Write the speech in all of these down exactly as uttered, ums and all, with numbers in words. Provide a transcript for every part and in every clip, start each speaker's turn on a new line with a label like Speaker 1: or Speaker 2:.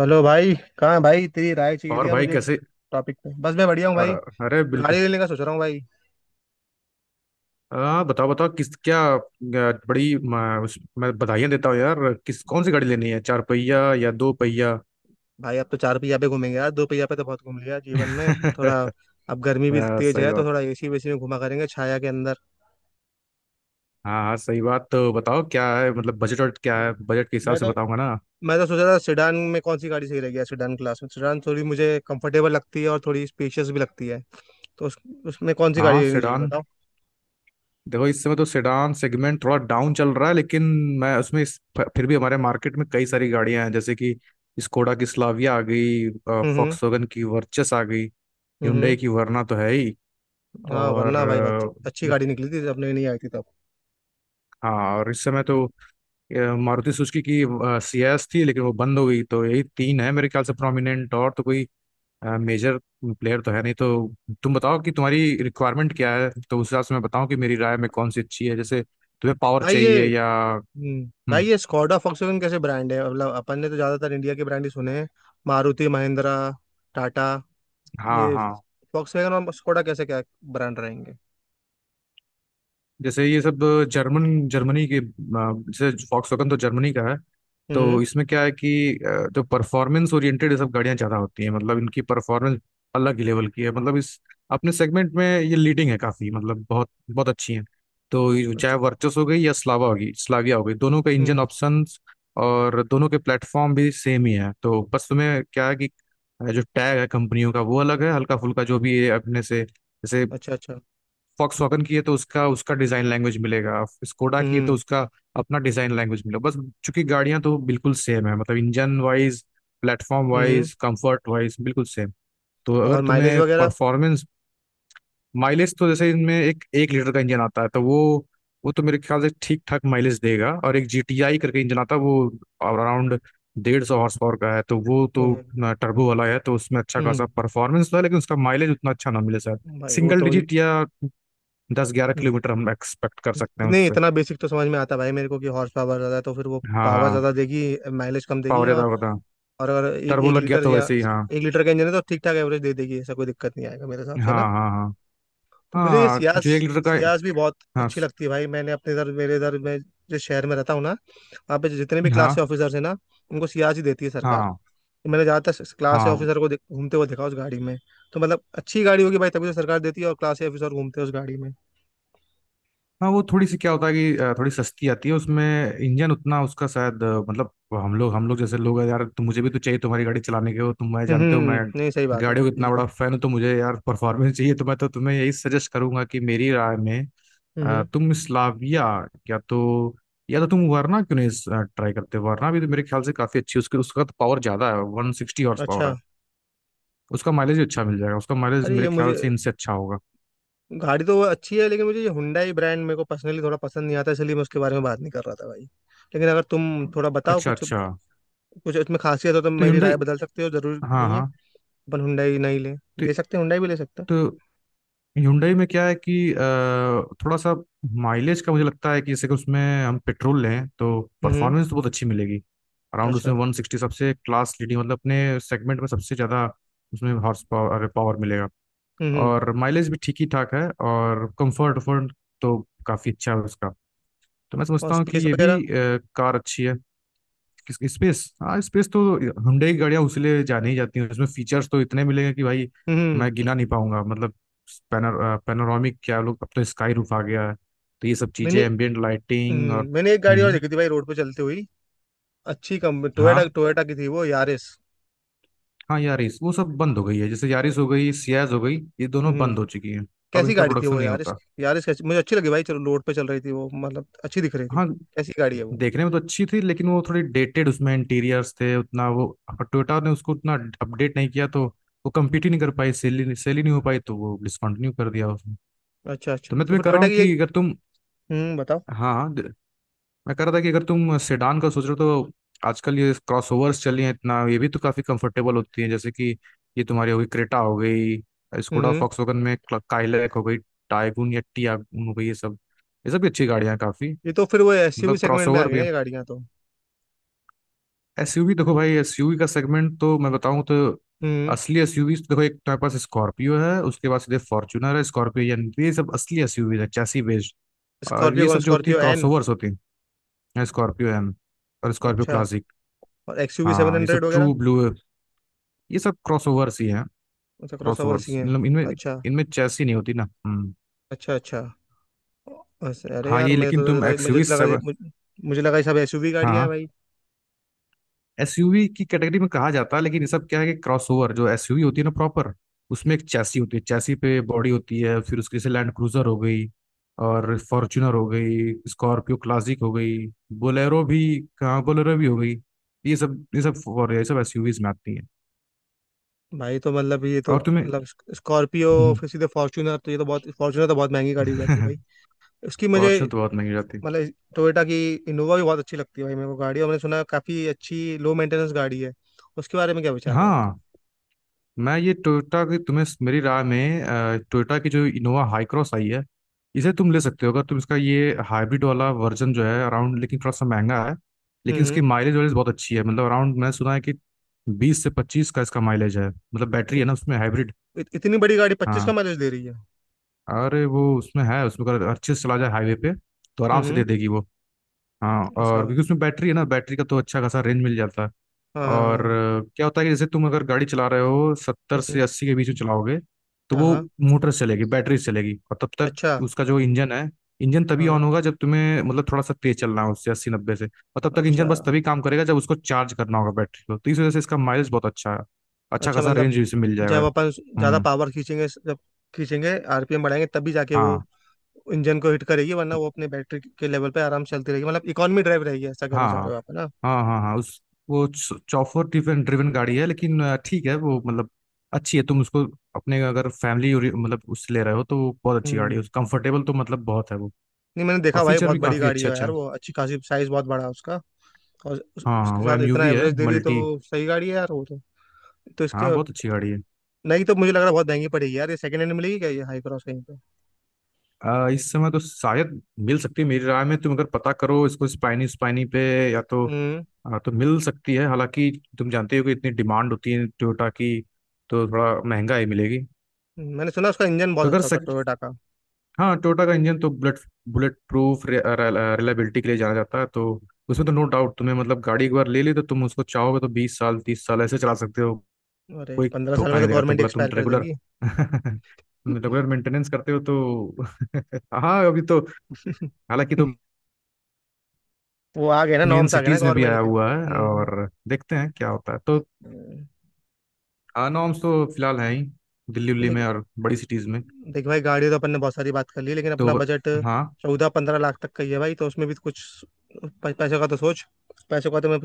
Speaker 1: Hello भाई। कहाँ है भाई? तेरी राय चाहिए थी
Speaker 2: और
Speaker 1: यार
Speaker 2: भाई
Speaker 1: मुझे
Speaker 2: कैसे।
Speaker 1: टॉपिक पे। बस मैं बढ़िया हूँ
Speaker 2: अ,
Speaker 1: भाई।
Speaker 2: अरे
Speaker 1: गाड़ी
Speaker 2: बिल्कुल।
Speaker 1: लेने का सोच रहा हूँ भाई।
Speaker 2: आ, बताओ बताओ किस क्या अ, बड़ी म, उस, मैं बधाइयाँ देता हूँ यार, किस कौन सी गाड़ी लेनी है, चार पहिया या दो पहिया?
Speaker 1: भाई अब तो चार पहिया पे घूमेंगे यार, दो पहिया पे तो बहुत घूम लिया जीवन में। थोड़ा अब गर्मी
Speaker 2: अ,
Speaker 1: भी तेज
Speaker 2: सही
Speaker 1: है तो
Speaker 2: बात।
Speaker 1: थोड़ा एसी वेसी में घुमा करेंगे छाया के अंदर।
Speaker 2: हाँ हाँ, सही बात। तो बताओ क्या है, मतलब बजट, और क्या है, बजट के हिसाब
Speaker 1: मैं
Speaker 2: से
Speaker 1: तो
Speaker 2: बताऊंगा ना।
Speaker 1: मैं तो सोच रहा था सेडान में कौन सी गाड़ी सही रहेगी यार। सेडान क्लास में सेडान थोड़ी मुझे कंफर्टेबल लगती है और थोड़ी स्पेशियस भी लगती है। तो उस, उसमें कौन सी गाड़ी
Speaker 2: हाँ
Speaker 1: लेनी चाहिए
Speaker 2: सेडान।
Speaker 1: बताओ।
Speaker 2: देखो इस समय तो सेडान सेगमेंट थोड़ा डाउन चल रहा है, लेकिन मैं उसमें इस- फिर भी हमारे मार्केट में कई सारी गाड़ियां हैं, जैसे कि स्कोडा की स्लाविया आ गई,
Speaker 1: हम्म। हम्म।
Speaker 2: फॉक्सवैगन की वर्चस आ गई,
Speaker 1: हम्म। हम्म।
Speaker 2: Hyundai की वरना तो है ही,
Speaker 1: हाँ
Speaker 2: और
Speaker 1: वरना भाई बच- अच्छी
Speaker 2: अ,
Speaker 1: गाड़ी निकली थी, अपने नहीं आई थी तब।
Speaker 2: हाँ, और इस समय
Speaker 1: हम्म।
Speaker 2: तो अ, मारुति सुजुकी की सीएस थी, लेकिन वो बंद हो गई। तो यही तीन है मेरे ख्याल से प्रोमिनेंट, और तो कोई मेजर प्लेयर तो है नहीं। तो तुम बताओ कि तुम्हारी रिक्वायरमेंट क्या है, तो उस हिसाब से मैं बताऊं कि मेरी राय में कौन सी अच्छी है। जैसे तुम्हें पावर
Speaker 1: भाई ये
Speaker 2: चाहिए या...
Speaker 1: हम्म भाई
Speaker 2: हम्म।
Speaker 1: ये स्कॉडा फॉक्सवैगन कैसे ब्रांड है? मतलब अपन ने तो ज्यादातर इंडिया के ब्रांड ही सुने हैं, मारुति महिंद्रा टाटा।
Speaker 2: हाँ
Speaker 1: ये
Speaker 2: हाँ,
Speaker 1: फॉक्सवैगन और स्कॉडा कैसे क्या ब्रांड रहेंगे?
Speaker 2: जैसे ये सब जर्मन, जर्मनी के अ, जैसे फॉक्सवैगन तो जर्मनी का है।
Speaker 1: हम्म।
Speaker 2: तो इसमें क्या है कि अ, जो परफॉर्मेंस ओरिएंटेड ये सब गाड़ियां ज्यादा होती हैं, मतलब इनकी परफॉर्मेंस अलग ही लेवल की है। मतलब इस अपने सेगमेंट में ये लीडिंग है काफी, मतलब बहुत बहुत अच्छी है। तो ये चाहे
Speaker 1: अच्छा।
Speaker 2: वर्चस हो गई या स्लावा होगी स्लाविया हो गई, दोनों का इंजन
Speaker 1: हम्म।
Speaker 2: ऑप्शंस और दोनों के प्लेटफॉर्म भी सेम ही है। तो बस तुम्हें क्या है कि अ, जो टैग है कंपनियों का वो अलग है, हल्का फुल्का। जो भी ये अपने से, जैसे
Speaker 1: अच्छा अच्छा।
Speaker 2: वॉक्सवैगन की है तो उसका उसका डिजाइन लैंग्वेज मिलेगा, स्कोडा की है तो
Speaker 1: हम्म।
Speaker 2: उसका अपना डिजाइन लैंग्वेज मिलेगा। बस, चूंकि गाड़ियां तो बिल्कुल सेम है, मतलब इंजन वाइज, प्लेटफॉर्म
Speaker 1: हम्म।
Speaker 2: वाइज, कंफर्ट वाइज बिल्कुल सेम। तो अगर
Speaker 1: और माइलेज
Speaker 2: तुम्हें
Speaker 1: वगैरह?
Speaker 2: परफॉर्मेंस... माइलेज तो जैसे इनमें एक एक लीटर का इंजन आता है तो वो वो तो मेरे ख्याल से ठीक ठाक माइलेज देगा, और एक जी टी आई करके इंजन आता है, वो अराउंड डेढ़ सौ हॉर्स पावर का है तो वो तो
Speaker 1: हम्म।
Speaker 2: टर्बो वाला है, तो उसमें अच्छा
Speaker 1: हम्म,
Speaker 2: खासा परफॉर्मेंस तो है, लेकिन उसका माइलेज उतना अच्छा ना मिले शायद।
Speaker 1: भाई वो
Speaker 2: सिंगल
Speaker 1: तो
Speaker 2: डिजिट या दस ग्यारह
Speaker 1: हम्म,
Speaker 2: किलोमीटर हम एक्सपेक्ट कर सकते हैं
Speaker 1: नहीं
Speaker 2: उससे।
Speaker 1: इतना बेसिक तो समझ में आता है भाई मेरे को कि हॉर्स पावर ज़्यादा है तो फिर वो
Speaker 2: हाँ
Speaker 1: पावर
Speaker 2: हाँ,
Speaker 1: ज़्यादा देगी, माइलेज कम देगी।
Speaker 2: पावर ज्यादा
Speaker 1: और
Speaker 2: होगा था,
Speaker 1: और अगर ए,
Speaker 2: टर्बो
Speaker 1: एक
Speaker 2: लग गया
Speaker 1: लीटर
Speaker 2: तो
Speaker 1: या
Speaker 2: वैसे ही। हाँ
Speaker 1: एक लीटर का इंजन है तो ठीक ठाक एवरेज दे देगी, ऐसा कोई दिक्कत नहीं आएगा मेरे हिसाब
Speaker 2: हाँ
Speaker 1: से ना।
Speaker 2: हाँ हाँ।
Speaker 1: तो
Speaker 2: हाँ
Speaker 1: मुझे ये
Speaker 2: हाँ,
Speaker 1: सियास
Speaker 2: जो एक लीटर
Speaker 1: सियास
Speaker 2: का
Speaker 1: भी बहुत
Speaker 2: हाँ
Speaker 1: अच्छी
Speaker 2: स-
Speaker 1: लगती है भाई। मैंने अपने इधर मेरे इधर मैं जिस शहर में रहता हूँ ना, वहाँ पे जितने भी क्लास
Speaker 2: हाँ
Speaker 1: के ऑफिसर्स हैं ना, उनको सियास ही देती है सरकार।
Speaker 2: हाँ
Speaker 1: तो मैंने ज़्यादातर क्लास के
Speaker 2: हाँ
Speaker 1: ऑफिसर को देख- घूमते हुए देखा उस गाड़ी में। तो मतलब अच्छी गाड़ी होगी भाई, तभी तो सरकार देती है और क्लास के ऑफिसर घूमते हैं उस गाड़ी में।
Speaker 2: हाँ, वो थोड़ी सी क्या होता है कि अ, थोड़ी सस्ती आती है उसमें, इंजन उतना उसका शायद अ, मतलब हम लोग हम लोग जैसे लोग हैं यार, तो मुझे भी तो चाहिए, तुम्हारी गाड़ी चलाने के हो तुम, मैं
Speaker 1: हम्म।
Speaker 2: जानते हो
Speaker 1: हम्म।
Speaker 2: मैं
Speaker 1: हम्म। नहीं सही बात है
Speaker 2: गाड़ियों का इतना
Speaker 1: बिल्कुल।
Speaker 2: बड़ा फैन हूँ, तो मुझे यार परफॉर्मेंस चाहिए। तो मैं तो तुम्हें यही सजेस्ट करूंगा कि मेरी राय में
Speaker 1: हम्म।
Speaker 2: अ,
Speaker 1: हम्म।
Speaker 2: तुम स्लाविया, या तो या तो तुम वरना क्यों नहीं ट्राई करते, वरना भी तो मेरे ख्याल से काफी अच्छी है। उसके उसका तो पावर ज्यादा है, वन सिक्सटी हॉर्स पावर है।
Speaker 1: अच्छा।
Speaker 2: उसका माइलेज भी अच्छा मिल जाएगा, उसका माइलेज
Speaker 1: अरे ये
Speaker 2: मेरे ख्याल
Speaker 1: मुझे
Speaker 2: से इनसे अच्छा होगा।
Speaker 1: गाड़ी तो वो अच्छी है, लेकिन मुझे ये हुंडई ब्रांड मेरे को पर्सनली थोड़ा पसंद नहीं आता, इसलिए मैं उसके बारे में बात नहीं कर रहा था भाई। लेकिन अगर तुम थोड़ा बताओ
Speaker 2: अच्छा
Speaker 1: कुछ
Speaker 2: अच्छा।
Speaker 1: कुछ इसमें खासियत हो तो
Speaker 2: तो
Speaker 1: मेरी
Speaker 2: Hyundai,
Speaker 1: राय बदल सकते हो, जरूर
Speaker 2: हाँ
Speaker 1: नहीं है।
Speaker 2: हाँ।
Speaker 1: अपन हुंडई नहीं ले,
Speaker 2: तो
Speaker 1: ले सकते हैं, हुंडई भी ले सकते हैं।
Speaker 2: तो Hyundai में क्या है कि अ, थोड़ा सा माइलेज का मुझे लगता है कि, जैसे कि उसमें हम पेट्रोल लें तो
Speaker 1: हम्म।
Speaker 2: परफॉर्मेंस तो बहुत अच्छी मिलेगी, अराउंड उसमें
Speaker 1: अच्छा।
Speaker 2: वन सिक्सटी सबसे क्लास लीडिंग, मतलब अपने सेगमेंट में सबसे ज़्यादा उसमें हॉर्स पावर पावर मिलेगा,
Speaker 1: हम्म।
Speaker 2: और माइलेज भी ठीक ही ठाक है, और कंफर्ट वर्ट तो काफ़ी अच्छा है उसका। तो मैं
Speaker 1: और
Speaker 2: समझता हूँ कि
Speaker 1: स्पेस
Speaker 2: ये भी
Speaker 1: वगैरह?
Speaker 2: अ, कार अच्छी है। स्पेस, हाँ स्पेस तो Hyundai की गाड़ियां उसीलिए जानी ही जाती हैं, उसमें फीचर्स तो इतने मिलेंगे कि भाई
Speaker 1: हम्म।
Speaker 2: मैं गिना नहीं पाऊंगा। मतलब पैनर पैनोरामिक क्या लोग, अब तो स्काई रूफ आ गया है। तो ये सब
Speaker 1: मैंने
Speaker 2: चीजें, एम्बियंट लाइटिंग और...
Speaker 1: हम्म, मैंने एक गाड़ी
Speaker 2: हम्म
Speaker 1: और
Speaker 2: हम्म।
Speaker 1: देखी थी भाई रोड पे चलती हुई, अच्छी कंपनी।
Speaker 2: हाँ,
Speaker 1: टोयोटा, टोयोटा की थी वो, यारिस।
Speaker 2: हाँ यारिस, वो सब बंद हो गई है, जैसे यारिस हो गई,
Speaker 1: अच्छा।
Speaker 2: सियाज हो गई, ये दोनों
Speaker 1: हम्म।
Speaker 2: बंद हो चुकी हैं, अब
Speaker 1: कैसी
Speaker 2: इनका
Speaker 1: गाड़ी थी
Speaker 2: प्रोडक्शन
Speaker 1: वो
Speaker 2: नहीं
Speaker 1: यारिस?
Speaker 2: होता।
Speaker 1: यारिस कैसी मुझे अच्छी लगी भाई, चलो रोड पे चल रही थी वो, मतलब अच्छी दिख रही थी।
Speaker 2: हाँ,
Speaker 1: कैसी गाड़ी है वो?
Speaker 2: देखने में तो अच्छी थी, लेकिन वो थोड़ी डेटेड उसमें इंटीरियर्स थे, उतना वो टोयोटा ने उसको उतना अपडेट नहीं किया, तो वो कम्पीट ही नहीं कर पाई, सेल ही सेल ही नहीं हो पाई, तो वो डिसकंटिन्यू कर दिया उसने।
Speaker 1: अच्छा
Speaker 2: तो
Speaker 1: अच्छा।
Speaker 2: मैं
Speaker 1: तो
Speaker 2: तुम्हें
Speaker 1: फिर
Speaker 2: कह रहा
Speaker 1: टोयोटा
Speaker 2: हूँ
Speaker 1: की ये,
Speaker 2: कि अगर तुम...
Speaker 1: हम्म बताओ।
Speaker 2: हाँ हाँ, द- मैं कह रहा था कि अगर तुम सेडान का सोच रहे हो, तो आजकल ये क्रॉसओवर्स चली हैं इतना, ये भी तो काफ़ी कंफर्टेबल होती हैं, जैसे कि ये तुम्हारी हो गई, क्रेटा हो गई, स्कोडा
Speaker 1: हम्म।
Speaker 2: फॉक्सवैगन में काइलैक हो गई, टाइगुन या टियागुन हो गई, ये सब, ये सब भी अच्छी गाड़ियाँ हैं काफ़ी।
Speaker 1: ये तो फिर वो एस यू वी
Speaker 2: मतलब
Speaker 1: सेगमेंट में आ
Speaker 2: क्रॉसओवर
Speaker 1: गई
Speaker 2: भी...
Speaker 1: ना ये गाड़ियाँ तो?
Speaker 2: एसयूवी, देखो भाई एसयूवी का सेगमेंट तो मैं बताऊं तो
Speaker 1: हम्म।
Speaker 2: असली एसयूवी देखो, एक तुम्हारे पास स्कॉर्पियो है, उसके बाद सीधे फॉर्च्यूनर है, स्कॉर्पियो एन, ये सब असली एसयूवी है, चैसी बेस्ड, और
Speaker 1: स्कॉर्पियो
Speaker 2: ये
Speaker 1: कौन?
Speaker 2: सब जो होती है
Speaker 1: स्कॉर्पियो एन?
Speaker 2: क्रॉसओवर्स होती हैं। स्कॉर्पियो एन और स्कॉर्पियो
Speaker 1: अच्छा।
Speaker 2: क्लासिक।
Speaker 1: और एक्सयूवी सेवन
Speaker 2: हाँ ये सब
Speaker 1: हंड्रेड वगैरह?
Speaker 2: ट्रू ब्लू, ये सब क्रॉसओवर्स ही हैं।
Speaker 1: अच्छा, क्रॉस ओवर सी
Speaker 2: क्रॉसओवर्स,
Speaker 1: हैं।
Speaker 2: इनमें इनमें
Speaker 1: अच्छा
Speaker 2: इनमें चैसी नहीं होती ना। हम्म।
Speaker 1: अच्छा। अच्छा। बस अरे
Speaker 2: हाँ,
Speaker 1: यार,
Speaker 2: ये
Speaker 1: मैं
Speaker 2: लेकिन
Speaker 1: तो सोच
Speaker 2: तुम
Speaker 1: रहा, मुझे
Speaker 2: एक्सयूवी
Speaker 1: तो लगा,
Speaker 2: सेवन...
Speaker 1: मुझे, मुझे लगा ये सब एस यू वी गाड़ियां हैं
Speaker 2: हाँ
Speaker 1: भाई।
Speaker 2: एसयूवी की कैटेगरी में कहा जाता है, लेकिन ये सब क्या है कि क्रॉसओवर, जो एसयूवी होती है ना प्रॉपर, उसमें एक चैसी होती है, चैसी पे बॉडी होती है। फिर उसके से लैंड क्रूजर हो गई, और फॉर्च्यूनर हो गई, स्कॉर्पियो क्लासिक हो गई, बोलेरो भी... कहाँ बोलेरो भी हो गई, ये सब, ये सब, और ये सब एसयूवीज में आती है।
Speaker 1: भाई तो मतलब ये तो
Speaker 2: और तुम्हें
Speaker 1: मतलब स्कॉर्पियो फिर सीधे फॉर्च्यूनर, तो ये तो बहुत, फॉर्च्यूनर तो बहुत महंगी गाड़ी हो जाती है भाई। उसकी मुझे
Speaker 2: फॉर्च्यूनर तो बहुत महंगी हो जाती है।
Speaker 1: मतलब टोयोटा की इनोवा भी बहुत अच्छी लगती है भाई मेरे को गाड़ी, और मैंने सुना है काफी अच्छी लो मेंटेनेंस गाड़ी है, उसके बारे में क्या विचार है आपका?
Speaker 2: हाँ, मैं ये टोयोटा की तुम्हें मेरी राय में अ, टोयोटा की जो इनोवा हाई क्रॉस आई है, इसे तुम ले सकते हो अगर तुम। इसका ये हाइब्रिड वाला वर्जन जो है अराउंड, लेकिन थोड़ा सा महंगा है, लेकिन
Speaker 1: हम्म।
Speaker 2: इसकी
Speaker 1: हम्म।
Speaker 2: माइलेज वाइलेज बहुत अच्छी है, मतलब अराउंड, मैंने सुना है कि बीस से पच्चीस का इसका माइलेज है, मतलब बैटरी
Speaker 1: इत,
Speaker 2: है ना उसमें, हाइब्रिड।
Speaker 1: इत, इतनी बड़ी गाड़ी पच्चीस का
Speaker 2: हाँ,
Speaker 1: माइलेज दे रही है?
Speaker 2: अरे वो उसमें है, उसमें अगर अच्छे से चला जाए हाईवे पे तो आराम
Speaker 1: हम्म।
Speaker 2: से दे
Speaker 1: हम्म।
Speaker 2: देगी वो। हाँ,
Speaker 1: अच्छा।
Speaker 2: और
Speaker 1: हाँ।
Speaker 2: क्योंकि उसमें बैटरी है ना, बैटरी का तो अच्छा खासा रेंज मिल जाता है,
Speaker 1: हाँ
Speaker 2: और
Speaker 1: हाँ।
Speaker 2: अ, क्या होता है कि जैसे तुम अगर गाड़ी चला रहे हो
Speaker 1: हम्म।
Speaker 2: सत्तर से
Speaker 1: हम्म।
Speaker 2: अस्सी के बीच में चलाओगे, तो
Speaker 1: हाँ
Speaker 2: वो
Speaker 1: हाँ।
Speaker 2: मोटर से चलेगी, बैटरी से चलेगी, और तब तक
Speaker 1: अच्छा।
Speaker 2: उसका जो इंजन है, इंजन तभी ऑन
Speaker 1: हाँ।
Speaker 2: होगा जब तुम्हें मतलब थोड़ा सा तेज चलना हो उससे, अस्सी नब्बे से, और तब तक
Speaker 1: अच्छा
Speaker 2: इंजन बस तभी काम करेगा जब उसको चार्ज करना होगा, बैटरी को। तो इस वजह से इसका माइलेज बहुत अच्छा है, अच्छा
Speaker 1: अच्छा।
Speaker 2: खासा
Speaker 1: मतलब
Speaker 2: रेंज इसे मिल
Speaker 1: जब
Speaker 2: जाएगा।
Speaker 1: अपन ज़्यादा
Speaker 2: हम्म,
Speaker 1: पावर खींचेंगे जब खींचेंगे, आर पी एम बढ़ाएंगे तभी जाके वो
Speaker 2: हाँ
Speaker 1: इंजन को हिट करेगी, वरना वो अपने बैटरी के लेवल पे आराम से चलती रहेगी, मतलब इकोनॉमी ड्राइव रहेगी। ऐसा कहना
Speaker 2: हाँ
Speaker 1: चाह
Speaker 2: हाँ
Speaker 1: रहे हो आप, है ना?
Speaker 2: हाँ, हाँ हाँ उस वो चौफर ड्रिवन ड्रिवन गाड़ी है, लेकिन अ, ठीक है वो, मतलब अच्छी है। तुम उसको अपने अगर फैमिली मतलब उससे ले रहे हो तो वो बहुत अच्छी गाड़ी
Speaker 1: हम्म।
Speaker 2: है, कंफर्टेबल तो मतलब बहुत है वो,
Speaker 1: नहीं मैंने
Speaker 2: और
Speaker 1: देखा भाई,
Speaker 2: फीचर
Speaker 1: बहुत
Speaker 2: भी
Speaker 1: बड़ी
Speaker 2: काफ़ी
Speaker 1: गाड़ी
Speaker 2: अच्छे
Speaker 1: है
Speaker 2: अच्छे
Speaker 1: यार
Speaker 2: हैं।
Speaker 1: वो, अच्छी खासी साइज बहुत बड़ा है उसका। और उस,
Speaker 2: हाँ हाँ
Speaker 1: उसके
Speaker 2: वो
Speaker 1: साथ इतना
Speaker 2: एमयूवी है,
Speaker 1: एवरेज दे रही है
Speaker 2: मल्टी...
Speaker 1: तो सही गाड़ी है यार वो तो। तो
Speaker 2: हाँ
Speaker 1: इसका
Speaker 2: बहुत अच्छी गाड़ी है।
Speaker 1: नहीं, तो मुझे लग रहा है बहुत महंगी पड़ेगी यार ये। सेकंड हैंड मिलेगी क्या ये हाई क्रॉस कहीं पे?
Speaker 2: अ, इस समय तो शायद मिल सकती है, मेरी राय में तुम अगर पता करो, इसको स्पाइनी स्पाइनी पे, या तो
Speaker 1: हम्म।
Speaker 2: अ, तो मिल सकती है, हालांकि तुम जानते हो कि इतनी डिमांड होती है टोयोटा की, तो थोड़ा महंगा ही मिलेगी।
Speaker 1: मैंने सुना उसका इंजन बहुत
Speaker 2: तो अगर
Speaker 1: अच्छा होता है
Speaker 2: सक,
Speaker 1: टोयोटा का।
Speaker 2: हाँ, टोयोटा का इंजन तो बुलेट बुलेट प्रूफ रिलायबिलिटी के लिए जाना जाता है, तो उसमें तो नो डाउट, तुम्हें मतलब गाड़ी एक बार ले ली तो तुम उसको चाहोगे तो बीस साल तीस साल ऐसे चला सकते हो,
Speaker 1: अरे
Speaker 2: कोई
Speaker 1: पंद्रह साल
Speaker 2: धोखा
Speaker 1: में तो
Speaker 2: नहीं देगा
Speaker 1: गवर्नमेंट
Speaker 2: तुमको। तुम
Speaker 1: एक्सपायर कर
Speaker 2: रेगुलर
Speaker 1: देगी।
Speaker 2: रेगुलर मेंटेनेंस करते हो तो हाँ, अभी तो हालांकि तो
Speaker 1: वो आ गए ना
Speaker 2: मेन
Speaker 1: नॉर्म्स, आ गए ना
Speaker 2: सिटीज में भी आया
Speaker 1: गवर्नमेंट के।
Speaker 2: हुआ है,
Speaker 1: हम्म।
Speaker 2: और देखते हैं क्या होता है। तो
Speaker 1: हम्म।
Speaker 2: नॉर्म्स तो फिलहाल है ही दिल्ली
Speaker 1: तो
Speaker 2: उल्ली में
Speaker 1: लेकिन
Speaker 2: और बड़ी सिटीज में
Speaker 1: देख भाई, गाड़ी तो अपन ने बहुत सारी बात कर ली लेकिन
Speaker 2: तो।
Speaker 1: अपना बजट
Speaker 2: हाँ
Speaker 1: चौदह पंद्रह लाख तक का ही है भाई, तो उसमें भी तो कुछ। प- पैसों का तो सोच, पैसों का तो मैं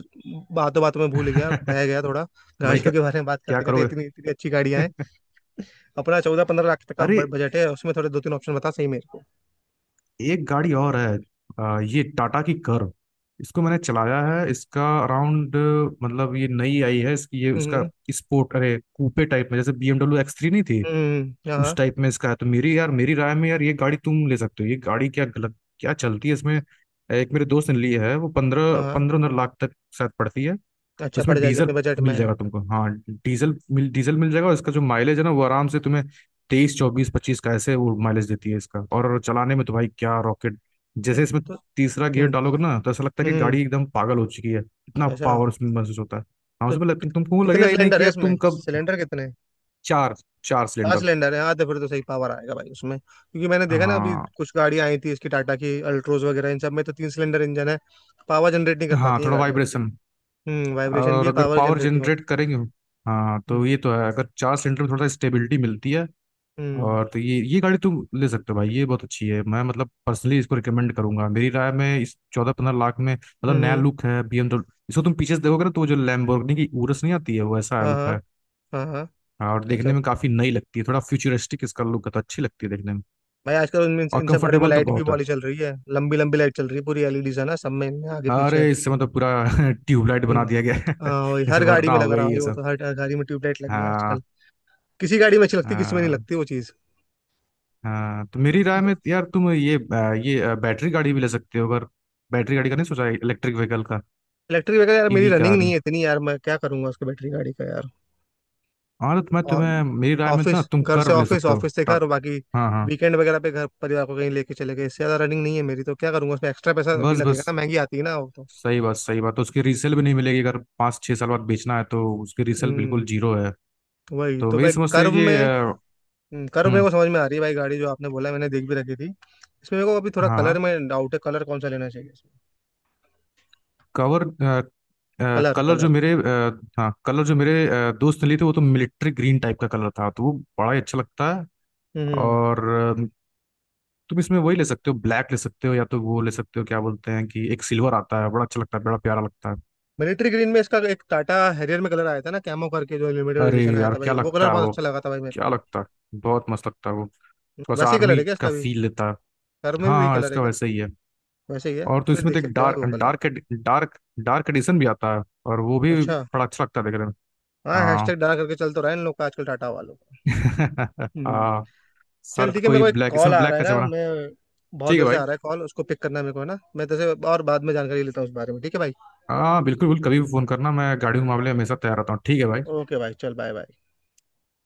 Speaker 1: बातों बातों में भूल गया, बह गया थोड़ा
Speaker 2: भाई
Speaker 1: गाड़ियों
Speaker 2: क्या
Speaker 1: के बारे में बात
Speaker 2: क्या
Speaker 1: करते करते।
Speaker 2: करोगे?
Speaker 1: इतनी इतनी अच्छी गाड़ियां हैं। अपना चौदह पंद्रह लाख तक का
Speaker 2: अरे
Speaker 1: बजट है, उसमें थोड़े दो तीन ऑप्शन बता सही मेरे को।
Speaker 2: एक गाड़ी और है, अ, ये टाटा की कर्व, इसको मैंने चलाया है। इसका अराउंड, मतलब ये नई आई है इसकी, ये उसका
Speaker 1: हम्म।
Speaker 2: स्पोर्ट, अरे कूपे टाइप में, जैसे BMW एक्स थ्री नहीं थी,
Speaker 1: हम्म।
Speaker 2: उस
Speaker 1: हाँ
Speaker 2: टाइप में इसका है। तो मेरी यार मेरी राय में यार ये गाड़ी तुम ले सकते हो, ये गाड़ी क्या गलत, क्या चलती है इसमें। एक मेरे दोस्त ने ली है, वो पंद्रह
Speaker 1: हाँ। हाँ।
Speaker 2: पंद्रह लाख तक शायद पड़ती है।
Speaker 1: अच्छा, पड़
Speaker 2: उसमें
Speaker 1: जाएगी अपने
Speaker 2: डीजल
Speaker 1: बजट में।
Speaker 2: मिल जाएगा तुमको, हाँ डीजल मिल डीजल मिल जाएगा, और इसका जो माइलेज है ना वो आराम से तुम्हें तेईस चौबीस पच्चीस का ऐसे वो माइलेज देती है इसका। और चलाने में तो भाई क्या रॉकेट!
Speaker 1: तो
Speaker 2: जैसे इसमें
Speaker 1: तो,
Speaker 2: तीसरा गियर डालोगे
Speaker 1: हम्म।
Speaker 2: ना तो ऐसा लगता है कि
Speaker 1: हम्म।
Speaker 2: गाड़ी एकदम पागल हो चुकी है, इतना
Speaker 1: अच्छा।
Speaker 2: पावर उसमें महसूस होता है। हाँ
Speaker 1: तो
Speaker 2: उसमें लग, तुम,
Speaker 1: कित-
Speaker 2: तुमको
Speaker 1: कितने
Speaker 2: लगेगा ये नहीं
Speaker 1: सिलेंडर
Speaker 2: कि
Speaker 1: है
Speaker 2: यार
Speaker 1: इसमें?
Speaker 2: तुम कब...
Speaker 1: सिलेंडर कितने?
Speaker 2: चार, चार
Speaker 1: हाँ,
Speaker 2: सिलेंडर।
Speaker 1: सिलेंडर है। हाँ तो फिर तो सही पावर आएगा भाई उसमें, क्योंकि मैंने देखा ना अभी
Speaker 2: हाँ
Speaker 1: कुछ गाड़ियां आई थी इसकी टाटा की, अल्ट्रोज वगैरह, इन सब में तो तीन सिलेंडर इंजन है, पावर जनरेट नहीं कर
Speaker 2: हाँ
Speaker 1: पाती है
Speaker 2: थोड़ा
Speaker 1: गाड़ियाँ।
Speaker 2: वाइब्रेशन,
Speaker 1: हम्म, वाइब्रेशन भी
Speaker 2: और
Speaker 1: है,
Speaker 2: अगर
Speaker 1: पावर
Speaker 2: पावर
Speaker 1: जनरेट नहीं
Speaker 2: जनरेट
Speaker 1: होती।
Speaker 2: करेंगे, हाँ
Speaker 1: हम्म।
Speaker 2: तो ये तो है, अगर चार सिलेंडर में थोड़ा स्टेबिलिटी मिलती है।
Speaker 1: हम्म।
Speaker 2: और तो ये ये गाड़ी तुम ले सकते हो भाई, ये बहुत अच्छी है, मैं मतलब पर्सनली इसको रिकमेंड करूंगा मेरी राय में, इस चौदह पंद्रह लाख में, मतलब
Speaker 1: हम्म।
Speaker 2: नया
Speaker 1: हम्म।
Speaker 2: लुक है B M W। इसको तुम पीछे से देखोगे ना तो वो जो लैम्बोर्गिनी की उरस नहीं आती है, वो ऐसा
Speaker 1: हाँ
Speaker 2: लुक
Speaker 1: हाँ।
Speaker 2: है।
Speaker 1: हाँ हाँ।
Speaker 2: हाँ, और
Speaker 1: अच्छा।
Speaker 2: देखने में काफी नई लगती है, थोड़ा फ्यूचरिस्टिक इसका लुक है, तो अच्छी लगती है देखने में,
Speaker 1: भाई आजकल उनमें इन
Speaker 2: और
Speaker 1: इन सब गाड़ियों में
Speaker 2: कंफर्टेबल तो
Speaker 1: लाइट भी
Speaker 2: बहुत है।
Speaker 1: वाली चल रही है, लंबी लंबी लाइट चल रही है, पूरी एल ई डीज़ है ना सब में, इनमें आगे पीछे।
Speaker 2: अरे इससे मतलब पूरा ट्यूबलाइट बना
Speaker 1: हम्म।
Speaker 2: दिया गया है
Speaker 1: हाँ वही,
Speaker 2: जैसे
Speaker 1: हर गाड़ी
Speaker 2: वरना
Speaker 1: में
Speaker 2: हो
Speaker 1: लग रहा है
Speaker 2: गई
Speaker 1: भाई
Speaker 2: ये
Speaker 1: वो
Speaker 2: सब।
Speaker 1: तो, हर हर गाड़ी में ट्यूबलाइट लगी है आजकल।
Speaker 2: हाँ
Speaker 1: किसी गाड़ी में अच्छी लगती, किसी में नहीं
Speaker 2: हाँ
Speaker 1: लगती वो चीज़।
Speaker 2: हाँ। तो मेरी राय में यार तुम ये अ, ये अ, बैटरी गाड़ी भी ले सकते हो अगर, बैटरी गाड़ी का नहीं सोचा? इलेक्ट्रिक व्हीकल का,
Speaker 1: इलेक्ट्रिक व्हीकल यार मेरी
Speaker 2: ईवी
Speaker 1: रनिंग
Speaker 2: कार।
Speaker 1: नहीं है इतनी यार, मैं क्या करूंगा उसके, बैटरी गाड़ी का यार।
Speaker 2: हाँ तो मैं
Speaker 1: और
Speaker 2: तुम्हें मेरी राय में ना
Speaker 1: ऑफिस,
Speaker 2: तुम
Speaker 1: घर से
Speaker 2: कर्व ले
Speaker 1: ऑफिस,
Speaker 2: सकते हो।
Speaker 1: ऑफिस से घर,
Speaker 2: टट।
Speaker 1: बाकी
Speaker 2: हाँ हाँ।
Speaker 1: वीकेंड वगैरह पे घर परिवार को कहीं लेके चले गए, इससे ज्यादा रनिंग नहीं है मेरी। तो क्या करूंगा उसमें? एक्स्ट्रा पैसा भी
Speaker 2: बस बस,
Speaker 1: लगेगा ना, महंगी आती है ना वो तो।
Speaker 2: सही बात, सही बात, तो उसकी रीसेल भी नहीं मिलेगी, अगर पाँच छः साल बाद बेचना है तो उसकी रीसेल
Speaker 1: हम्म,
Speaker 2: बिल्कुल जीरो है।
Speaker 1: वही
Speaker 2: तो
Speaker 1: तो
Speaker 2: मेरी
Speaker 1: भाई
Speaker 2: समझ से
Speaker 1: कर्व
Speaker 2: ये
Speaker 1: में।
Speaker 2: अ,
Speaker 1: हम्म, कर्व मेरे
Speaker 2: हम्म,
Speaker 1: को समझ में आ रही है भाई गाड़ी जो आपने बोला, मैंने देख भी रखी थी। इसमें मेरे को अभी थोड़ा
Speaker 2: हाँ हाँ,
Speaker 1: कलर में डाउट है, कलर कौन सा लेना चाहिए इसमें?
Speaker 2: कवर अ, अ,
Speaker 1: कलर
Speaker 2: कलर जो
Speaker 1: कलर
Speaker 2: मेरे अ, हाँ कलर जो मेरे अ, दोस्त ने लिए थे, वो तो मिलिट्री ग्रीन टाइप का कलर था, तो वो बड़ा ही अच्छा लगता है।
Speaker 1: हम्म।
Speaker 2: और अ, तुम इसमें वही ले सकते हो, ब्लैक ले सकते हो, या तो वो ले सकते हो, क्या बोलते हैं कि एक सिल्वर आता है, बड़ा अच्छा लगता है, बड़ा प्यारा लगता है।
Speaker 1: मिलिट्री ग्रीन में इसका एक टाटा हैरियर में कलर आया था ना कैमो करके, जो लिमिटेड
Speaker 2: अरे
Speaker 1: एडिशन आया
Speaker 2: यार
Speaker 1: था भाई,
Speaker 2: क्या
Speaker 1: वो कलर
Speaker 2: लगता है
Speaker 1: बहुत
Speaker 2: वो,
Speaker 1: अच्छा लगा था भाई मेरे
Speaker 2: क्या
Speaker 1: को।
Speaker 2: लगता है, बहुत मस्त लगता है वो, थोड़ा सा
Speaker 1: वैसे ही कलर
Speaker 2: आर्मी
Speaker 1: है क्या
Speaker 2: का
Speaker 1: इसका?
Speaker 2: फील लेता है।
Speaker 1: कार में भी
Speaker 2: हाँ
Speaker 1: वही
Speaker 2: हाँ
Speaker 1: कलर है
Speaker 2: इसका
Speaker 1: क्या?
Speaker 2: वैसा ही है।
Speaker 1: वैसे ही है
Speaker 2: और तो
Speaker 1: फिर,
Speaker 2: इसमें
Speaker 1: देख
Speaker 2: तो एक
Speaker 1: सकते हैं
Speaker 2: डार्क
Speaker 1: भाई वो colour.
Speaker 2: Dark dark dark edition भी आता है, और वो भी
Speaker 1: अच्छा।
Speaker 2: बड़ा अच्छा लगता है देखने में।
Speaker 1: हाँ
Speaker 2: हाँ
Speaker 1: हैशटैग डाल करके चल तो रहा है इन लोग का आजकल टाटा वालों का। हम्म।
Speaker 2: हाँ।
Speaker 1: चल
Speaker 2: सर
Speaker 1: ठीक है, मेरे
Speaker 2: कोई
Speaker 1: को एक
Speaker 2: ब्लैक,
Speaker 1: कॉल
Speaker 2: इसमें
Speaker 1: आ
Speaker 2: ब्लैक
Speaker 1: रहा है
Speaker 2: का
Speaker 1: ना
Speaker 2: जमाना।
Speaker 1: मैं, बहुत
Speaker 2: ठीक है
Speaker 1: देर से
Speaker 2: भाई।
Speaker 1: आ रहा है कॉल, उसको पिक करना है मेरे को, है ना? मैं तेरे से और बाद में जानकारी लेता हूँ उस बारे में, ठीक है भाई।
Speaker 2: हाँ बिल्कुल बिल्कुल, कभी भी फोन करना, मैं गाड़ियों के मामले में हमेशा तैयार रहता हूँ। ठीक है भाई।
Speaker 1: ओके भाई, चल बाय बाय।